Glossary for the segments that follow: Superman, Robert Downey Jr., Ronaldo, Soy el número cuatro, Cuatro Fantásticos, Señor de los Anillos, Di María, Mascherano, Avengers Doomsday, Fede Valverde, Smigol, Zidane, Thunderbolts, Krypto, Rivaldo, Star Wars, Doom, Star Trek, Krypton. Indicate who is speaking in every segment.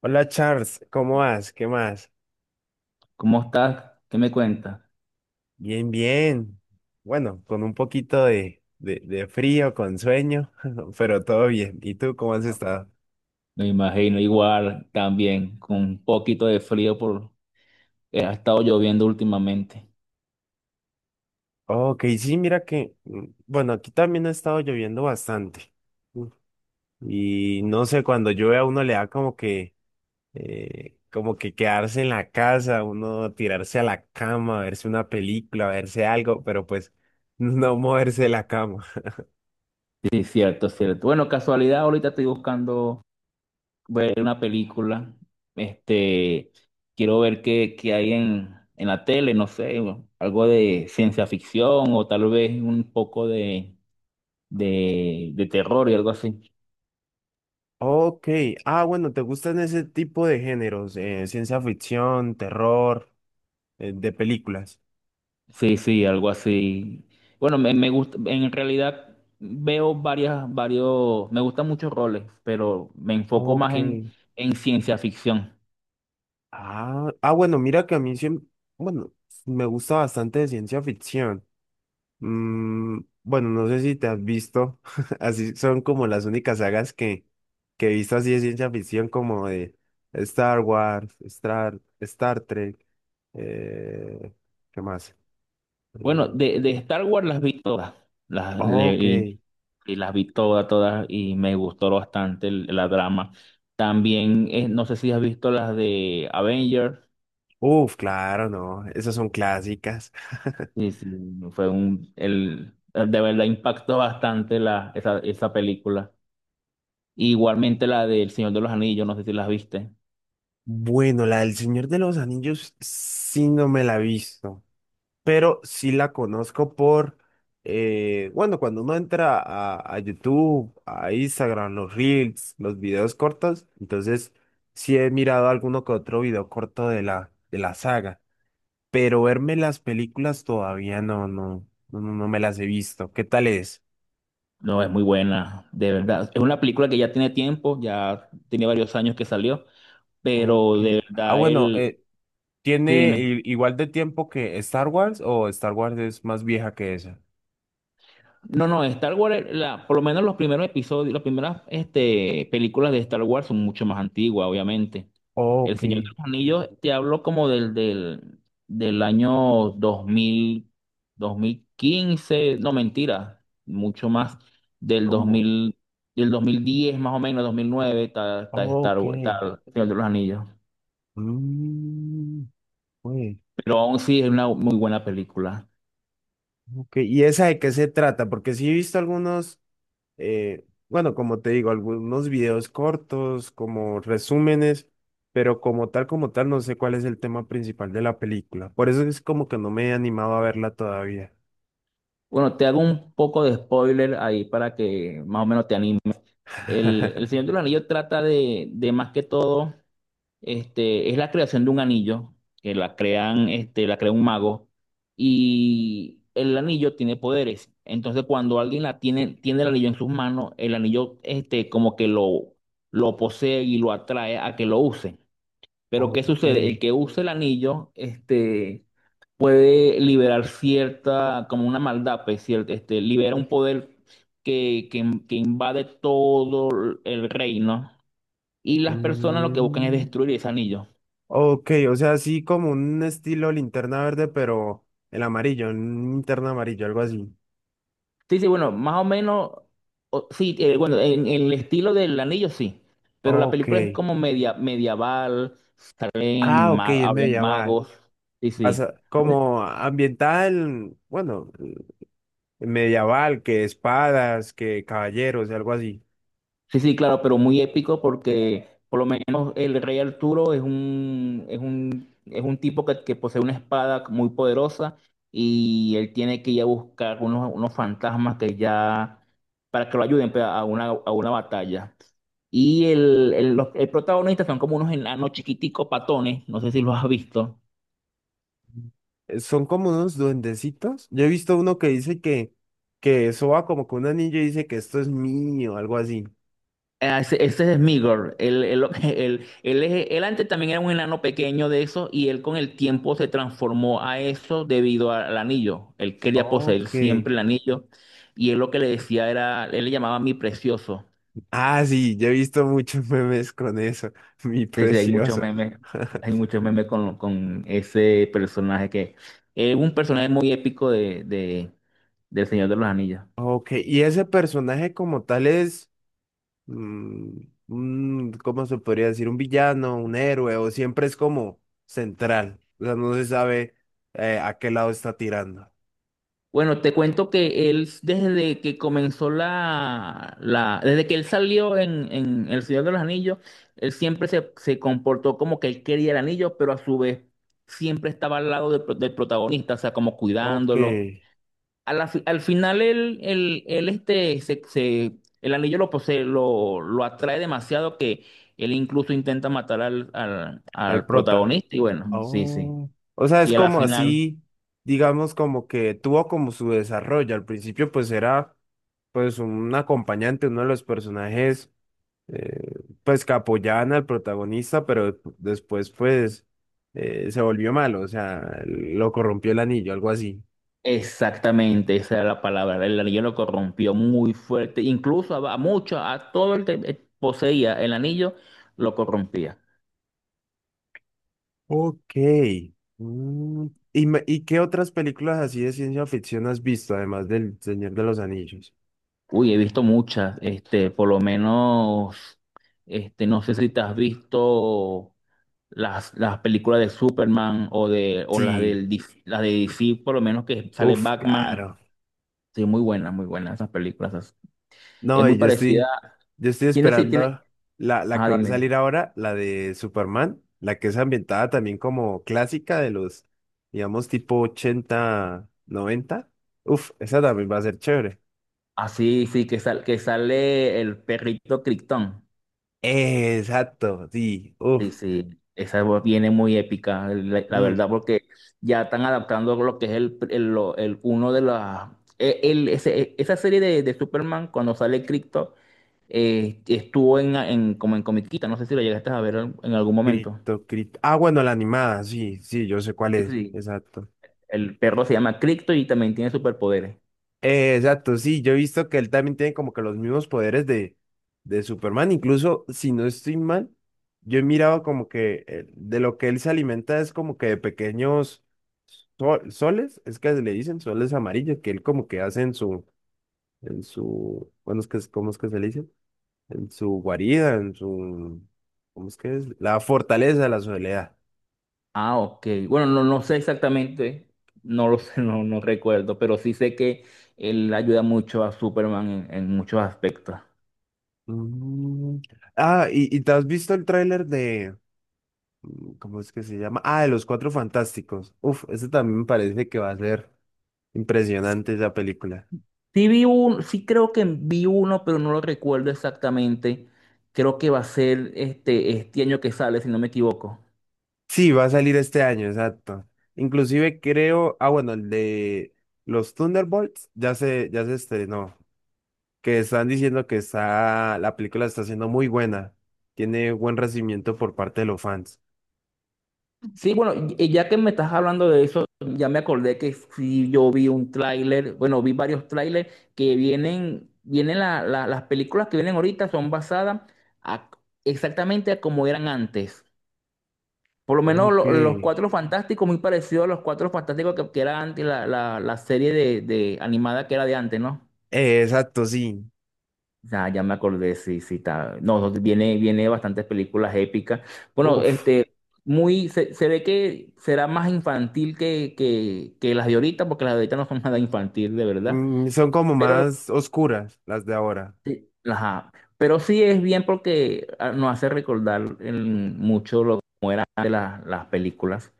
Speaker 1: Hola Charles, ¿cómo vas? ¿Qué más?
Speaker 2: ¿Cómo estás? ¿Qué me cuentas?
Speaker 1: Bien, bien. Bueno, con un poquito de frío, con sueño, pero todo bien. ¿Y tú cómo has estado?
Speaker 2: Me imagino igual también, con un poquito de frío por ha estado lloviendo últimamente.
Speaker 1: Ok, sí, mira que, bueno, aquí también ha estado lloviendo bastante. Mm. Y no sé, cuando llueve a uno le da como que quedarse en la casa, uno tirarse a la cama, verse una película, verse algo, pero pues no moverse de la cama.
Speaker 2: Sí, cierto, cierto. Bueno, casualidad, ahorita estoy buscando ver una película. Este, quiero ver qué, qué hay en la tele, no sé, algo de ciencia ficción o tal vez un poco de terror y algo así.
Speaker 1: Ok, ah, bueno, ¿te gustan ese tipo de géneros? Ciencia ficción, terror, de películas.
Speaker 2: Sí, sí, algo así. Bueno, me gusta, en realidad veo varias, varios, me gustan muchos roles, pero me enfoco más
Speaker 1: Ok.
Speaker 2: en ciencia ficción.
Speaker 1: Ah, ah, bueno, mira que a mí siempre, bueno, me gusta bastante de ciencia ficción. Mm, bueno, no sé si te has visto, así son como las únicas sagas que he visto así de ciencia ficción, como de Star Wars, Star Trek, eh, ¿qué más?
Speaker 2: Bueno,
Speaker 1: Mm,
Speaker 2: de Star Wars las vi todas, las, le-
Speaker 1: ok.
Speaker 2: y, y las vi todas, todas, y me gustó bastante la drama. También, no sé si has visto las de Avengers,
Speaker 1: Uf, claro, no, esas son clásicas.
Speaker 2: sí, sí, fue de verdad impactó bastante esa película. Igualmente la del Señor de los Anillos, no sé si las viste.
Speaker 1: Bueno, la del Señor de los Anillos sí no me la he visto, pero sí la conozco por, bueno, cuando uno entra a YouTube, a Instagram, los Reels, los videos cortos, entonces sí he mirado alguno que otro video corto de la saga, pero verme las películas todavía no, no, no, no no me las he visto. ¿Qué tal es?
Speaker 2: No, es muy buena, de verdad. Es una película que ya tiene tiempo, ya tiene varios años que salió,
Speaker 1: Ok.
Speaker 2: pero de
Speaker 1: Ah,
Speaker 2: verdad
Speaker 1: bueno,
Speaker 2: él...
Speaker 1: eh,
Speaker 2: Sí,
Speaker 1: ¿Tiene
Speaker 2: dime.
Speaker 1: igual de tiempo que Star Wars o Star Wars es más vieja que esa?
Speaker 2: No, no, Star Wars, la, por lo menos los primeros episodios, las primeras películas de Star Wars son mucho más antiguas, obviamente. El
Speaker 1: Ok,
Speaker 2: Señor de los Anillos, te hablo como del, del año 2000, 2015, no mentira, mucho más del dos
Speaker 1: ¿cómo?
Speaker 2: mil, del 2010 más o menos, 2009, está, está Star
Speaker 1: Ok.
Speaker 2: Wars, está El Señor de los Anillos.
Speaker 1: Mm, pues,
Speaker 2: Pero aún sí es una muy buena película.
Speaker 1: ok. ¿Y esa de qué se trata? Porque sí he visto algunos, bueno, como te digo, algunos videos cortos, como resúmenes, pero como tal, no sé cuál es el tema principal de la película. Por eso es como que no me he animado a verla todavía.
Speaker 2: Bueno, te hago un poco de spoiler ahí para que más o menos te... El Señor del Anillo trata de más que todo, este, es la creación de un anillo, que la crean, este, la crea un mago, y el anillo tiene poderes. Entonces, cuando alguien la tiene, tiene el anillo en sus manos, el anillo, este, como lo posee y lo atrae a que lo use. Pero ¿qué
Speaker 1: Ok.
Speaker 2: sucede? El que use el anillo, este, puede liberar cierta, como una maldad, pues, este, libera un poder que invade todo el reino y las personas lo que buscan es
Speaker 1: Mm.
Speaker 2: destruir ese anillo.
Speaker 1: Ok, o sea, así como un estilo linterna verde, pero el amarillo, un linterna amarillo, algo así.
Speaker 2: Sí, sí, bueno, más o menos, o- sí, bueno, en el estilo del anillo sí, pero la
Speaker 1: Ok.
Speaker 2: película es como media, medieval, salen
Speaker 1: Ah, ok, es
Speaker 2: hablan
Speaker 1: medieval.
Speaker 2: magos, sí, sí.
Speaker 1: Como ambientada en, bueno, medieval, que espadas, que caballeros, algo así.
Speaker 2: Sí, sí, claro, pero muy épico porque por lo menos el rey Arturo es un tipo que posee una espada muy poderosa y él tiene que ir a buscar unos fantasmas que ya, para que lo ayuden pues, a una batalla. Y el protagonista son como unos enanos chiquiticos patones, no sé si los has visto.
Speaker 1: Son como unos duendecitos. Yo he visto uno que dice que eso va como con un anillo y dice que esto es mío, algo así.
Speaker 2: Ah, ese es Smigol. Él antes también era un enano pequeño de eso y él con el tiempo se transformó a eso debido al anillo. Él quería poseer
Speaker 1: Ok.
Speaker 2: siempre el anillo y él lo que le decía era, él le llamaba mi precioso.
Speaker 1: Ah, sí, yo he visto muchos memes con eso, mi
Speaker 2: Entonces,
Speaker 1: precioso.
Speaker 2: hay muchos memes con ese personaje que es un personaje muy épico del Señor de los Anillos.
Speaker 1: Ok, y ese personaje como tal es, mm, ¿cómo se podría decir? ¿Un villano, un héroe? ¿O siempre es como central? O sea, no se sabe a qué lado está tirando.
Speaker 2: Bueno, te cuento que él, desde que comenzó desde que él salió en El Señor de los Anillos, él siempre se comportó como que él quería el anillo, pero a su vez siempre estaba al lado del protagonista, o sea, como
Speaker 1: Ok,
Speaker 2: cuidándolo. A la al final él, este, el anillo lo posee, lo atrae demasiado que él incluso intenta matar
Speaker 1: al
Speaker 2: al
Speaker 1: prota.
Speaker 2: protagonista y bueno, sí, sí.
Speaker 1: Oh. O sea, es
Speaker 2: Y a la
Speaker 1: como
Speaker 2: final...
Speaker 1: así, digamos, como que tuvo como su desarrollo. Al principio pues era pues un acompañante, uno de los personajes eh, pues que apoyaban al protagonista, pero después pues se volvió malo, o sea, lo corrompió el anillo, algo así.
Speaker 2: Exactamente, esa era la palabra. El anillo lo corrompió muy fuerte. Incluso a mucho, a todo el que poseía el anillo, lo corrompía.
Speaker 1: Ok. Mm, ¿Y qué otras películas así de ciencia ficción has visto, además del Señor de los Anillos?
Speaker 2: Uy, he visto muchas, este, por lo menos, este, no sé si te has visto las películas de Superman o de, o las
Speaker 1: Sí,
Speaker 2: del DC, las de DC, por lo menos que sale
Speaker 1: uf,
Speaker 2: Batman.
Speaker 1: claro.
Speaker 2: Sí, muy buenas esas películas. Es
Speaker 1: No,
Speaker 2: muy
Speaker 1: y yo
Speaker 2: parecida.
Speaker 1: estoy, yo estoy
Speaker 2: Tiene, sí, tiene.
Speaker 1: esperando la, la
Speaker 2: Ah,
Speaker 1: que va a
Speaker 2: dime.
Speaker 1: salir ahora, la de Superman, la que es ambientada también como clásica de los, digamos, tipo 80 noventa. Uf, esa también va a ser chévere.
Speaker 2: Ah, sí, sí, que sale el perrito Krypton.
Speaker 1: Exacto, sí,
Speaker 2: Sí,
Speaker 1: uf.
Speaker 2: sí, esa voz viene muy épica, la
Speaker 1: mm,
Speaker 2: verdad, porque ya están adaptando lo que es uno de las... esa serie de Superman, cuando sale Krypto, estuvo como en comiquita, no sé si lo llegaste a ver en algún momento.
Speaker 1: cripto, cripto. Ah, bueno, la animada, sí, sí, yo sé cuál
Speaker 2: Sí,
Speaker 1: es,
Speaker 2: sí,
Speaker 1: exacto.
Speaker 2: el perro se llama Krypto y también tiene superpoderes.
Speaker 1: Exacto, sí, yo he visto que él también tiene como que los mismos poderes de Superman, incluso si no estoy mal, yo he mirado como que de lo que él se alimenta es como que de pequeños soles, es que le dicen soles amarillos, que él como que hace en su, bueno, es que, ¿cómo es que se le dice? En su guarida, en su, ¿cómo es que es? La fortaleza de la soledad.
Speaker 2: Ah, ok. Bueno, no, no sé exactamente, no lo sé, no, no recuerdo, pero sí sé que él ayuda mucho a Superman en muchos aspectos.
Speaker 1: Mm. Ah, y te has visto el tráiler de, ¿cómo es que se llama? Ah, de los Cuatro Fantásticos. Uf, ese también me parece que va a ser impresionante esa película.
Speaker 2: Sí sí creo que vi uno, pero no lo recuerdo exactamente. Creo que va a ser este año que sale, si no me equivoco.
Speaker 1: Sí, va a salir este año, exacto. Inclusive creo, ah, bueno, el de los Thunderbolts ya se estrenó, que están diciendo que está, la película está siendo muy buena, tiene buen recibimiento por parte de los fans.
Speaker 2: Sí, bueno, y- ya que me estás hablando de eso, ya me acordé que sí yo vi un tráiler, bueno, vi varios tráilers que vienen, vienen las películas que vienen ahorita son basadas a- exactamente a como eran antes. Por lo menos
Speaker 1: Ok.
Speaker 2: los
Speaker 1: Eh,
Speaker 2: Cuatro Fantásticos, muy parecido a los Cuatro Fantásticos que era antes la serie de animada que era de antes, ¿no?
Speaker 1: exacto, sí.
Speaker 2: Ya, ya me acordé, sí, sí, está. No, no, viene, viene bastantes películas épicas. Bueno,
Speaker 1: Uf.
Speaker 2: este, muy, se ve que será más infantil que las de ahorita, porque las de ahorita no son nada infantil, de verdad.
Speaker 1: Son como
Speaker 2: Pero,
Speaker 1: más oscuras las de ahora.
Speaker 2: ajá, pero sí es bien porque ah, nos hace recordar en mucho lo como eran antes las películas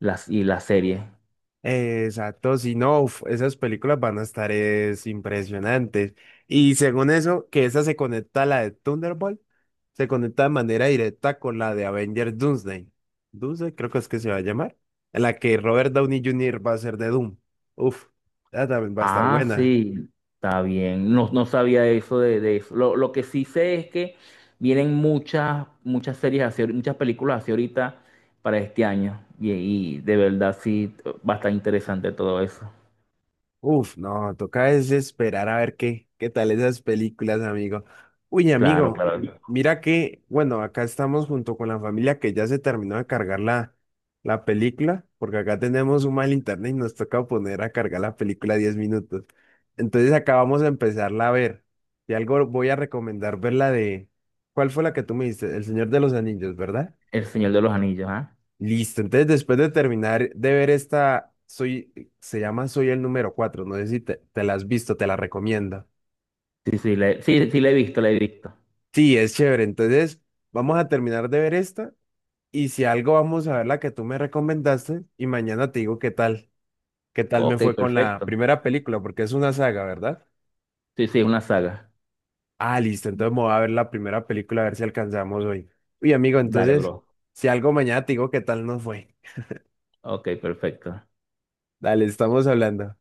Speaker 2: y las series.
Speaker 1: Exacto, si no, uf, esas películas van a estar es, impresionantes. Y según eso, que esa se conecta a la de Thunderbolt, se conecta de manera directa con la de Avengers Doomsday. Doomsday, creo que es que se va a llamar. En la que Robert Downey Jr. va a ser de Doom. Uf, esa también va a estar
Speaker 2: Ah,
Speaker 1: buena.
Speaker 2: sí, está bien. No, no sabía eso de eso. Lo que sí sé es que vienen muchas, muchas series así, muchas películas así ahorita para este año. Y de verdad sí va a estar interesante todo eso.
Speaker 1: Uf, no, toca es esperar a ver qué tal esas películas, amigo. Uy,
Speaker 2: Claro,
Speaker 1: amigo,
Speaker 2: claro.
Speaker 1: mira que, bueno, acá estamos junto con la familia que ya se terminó de cargar la película, porque acá tenemos un mal internet y nos toca poner a cargar la película 10 minutos. Entonces acá vamos a empezarla a ver. Y algo voy a recomendar ver la de, ¿cuál fue la que tú me diste? El Señor de los Anillos, ¿verdad?
Speaker 2: El Señor de los Anillos, ¿ah?
Speaker 1: Listo, entonces después de terminar de ver esta, soy, se llama Soy el número cuatro, no sé si te la has visto, te la recomiendo.
Speaker 2: Sí, sí, sí, sí, la he visto, la he visto.
Speaker 1: Sí, es chévere, entonces vamos a terminar de ver esta y si algo vamos a ver la que tú me recomendaste y mañana te digo qué tal, me
Speaker 2: Ok,
Speaker 1: fue con la
Speaker 2: perfecto.
Speaker 1: primera película, porque es una saga, ¿verdad?
Speaker 2: Sí, sí, es una saga.
Speaker 1: Ah, listo, entonces me voy a ver la primera película a ver si alcanzamos hoy. Uy, amigo,
Speaker 2: Dale,
Speaker 1: entonces,
Speaker 2: bro.
Speaker 1: si algo mañana te digo qué tal nos fue.
Speaker 2: Ok, perfecto.
Speaker 1: Dale, estamos hablando.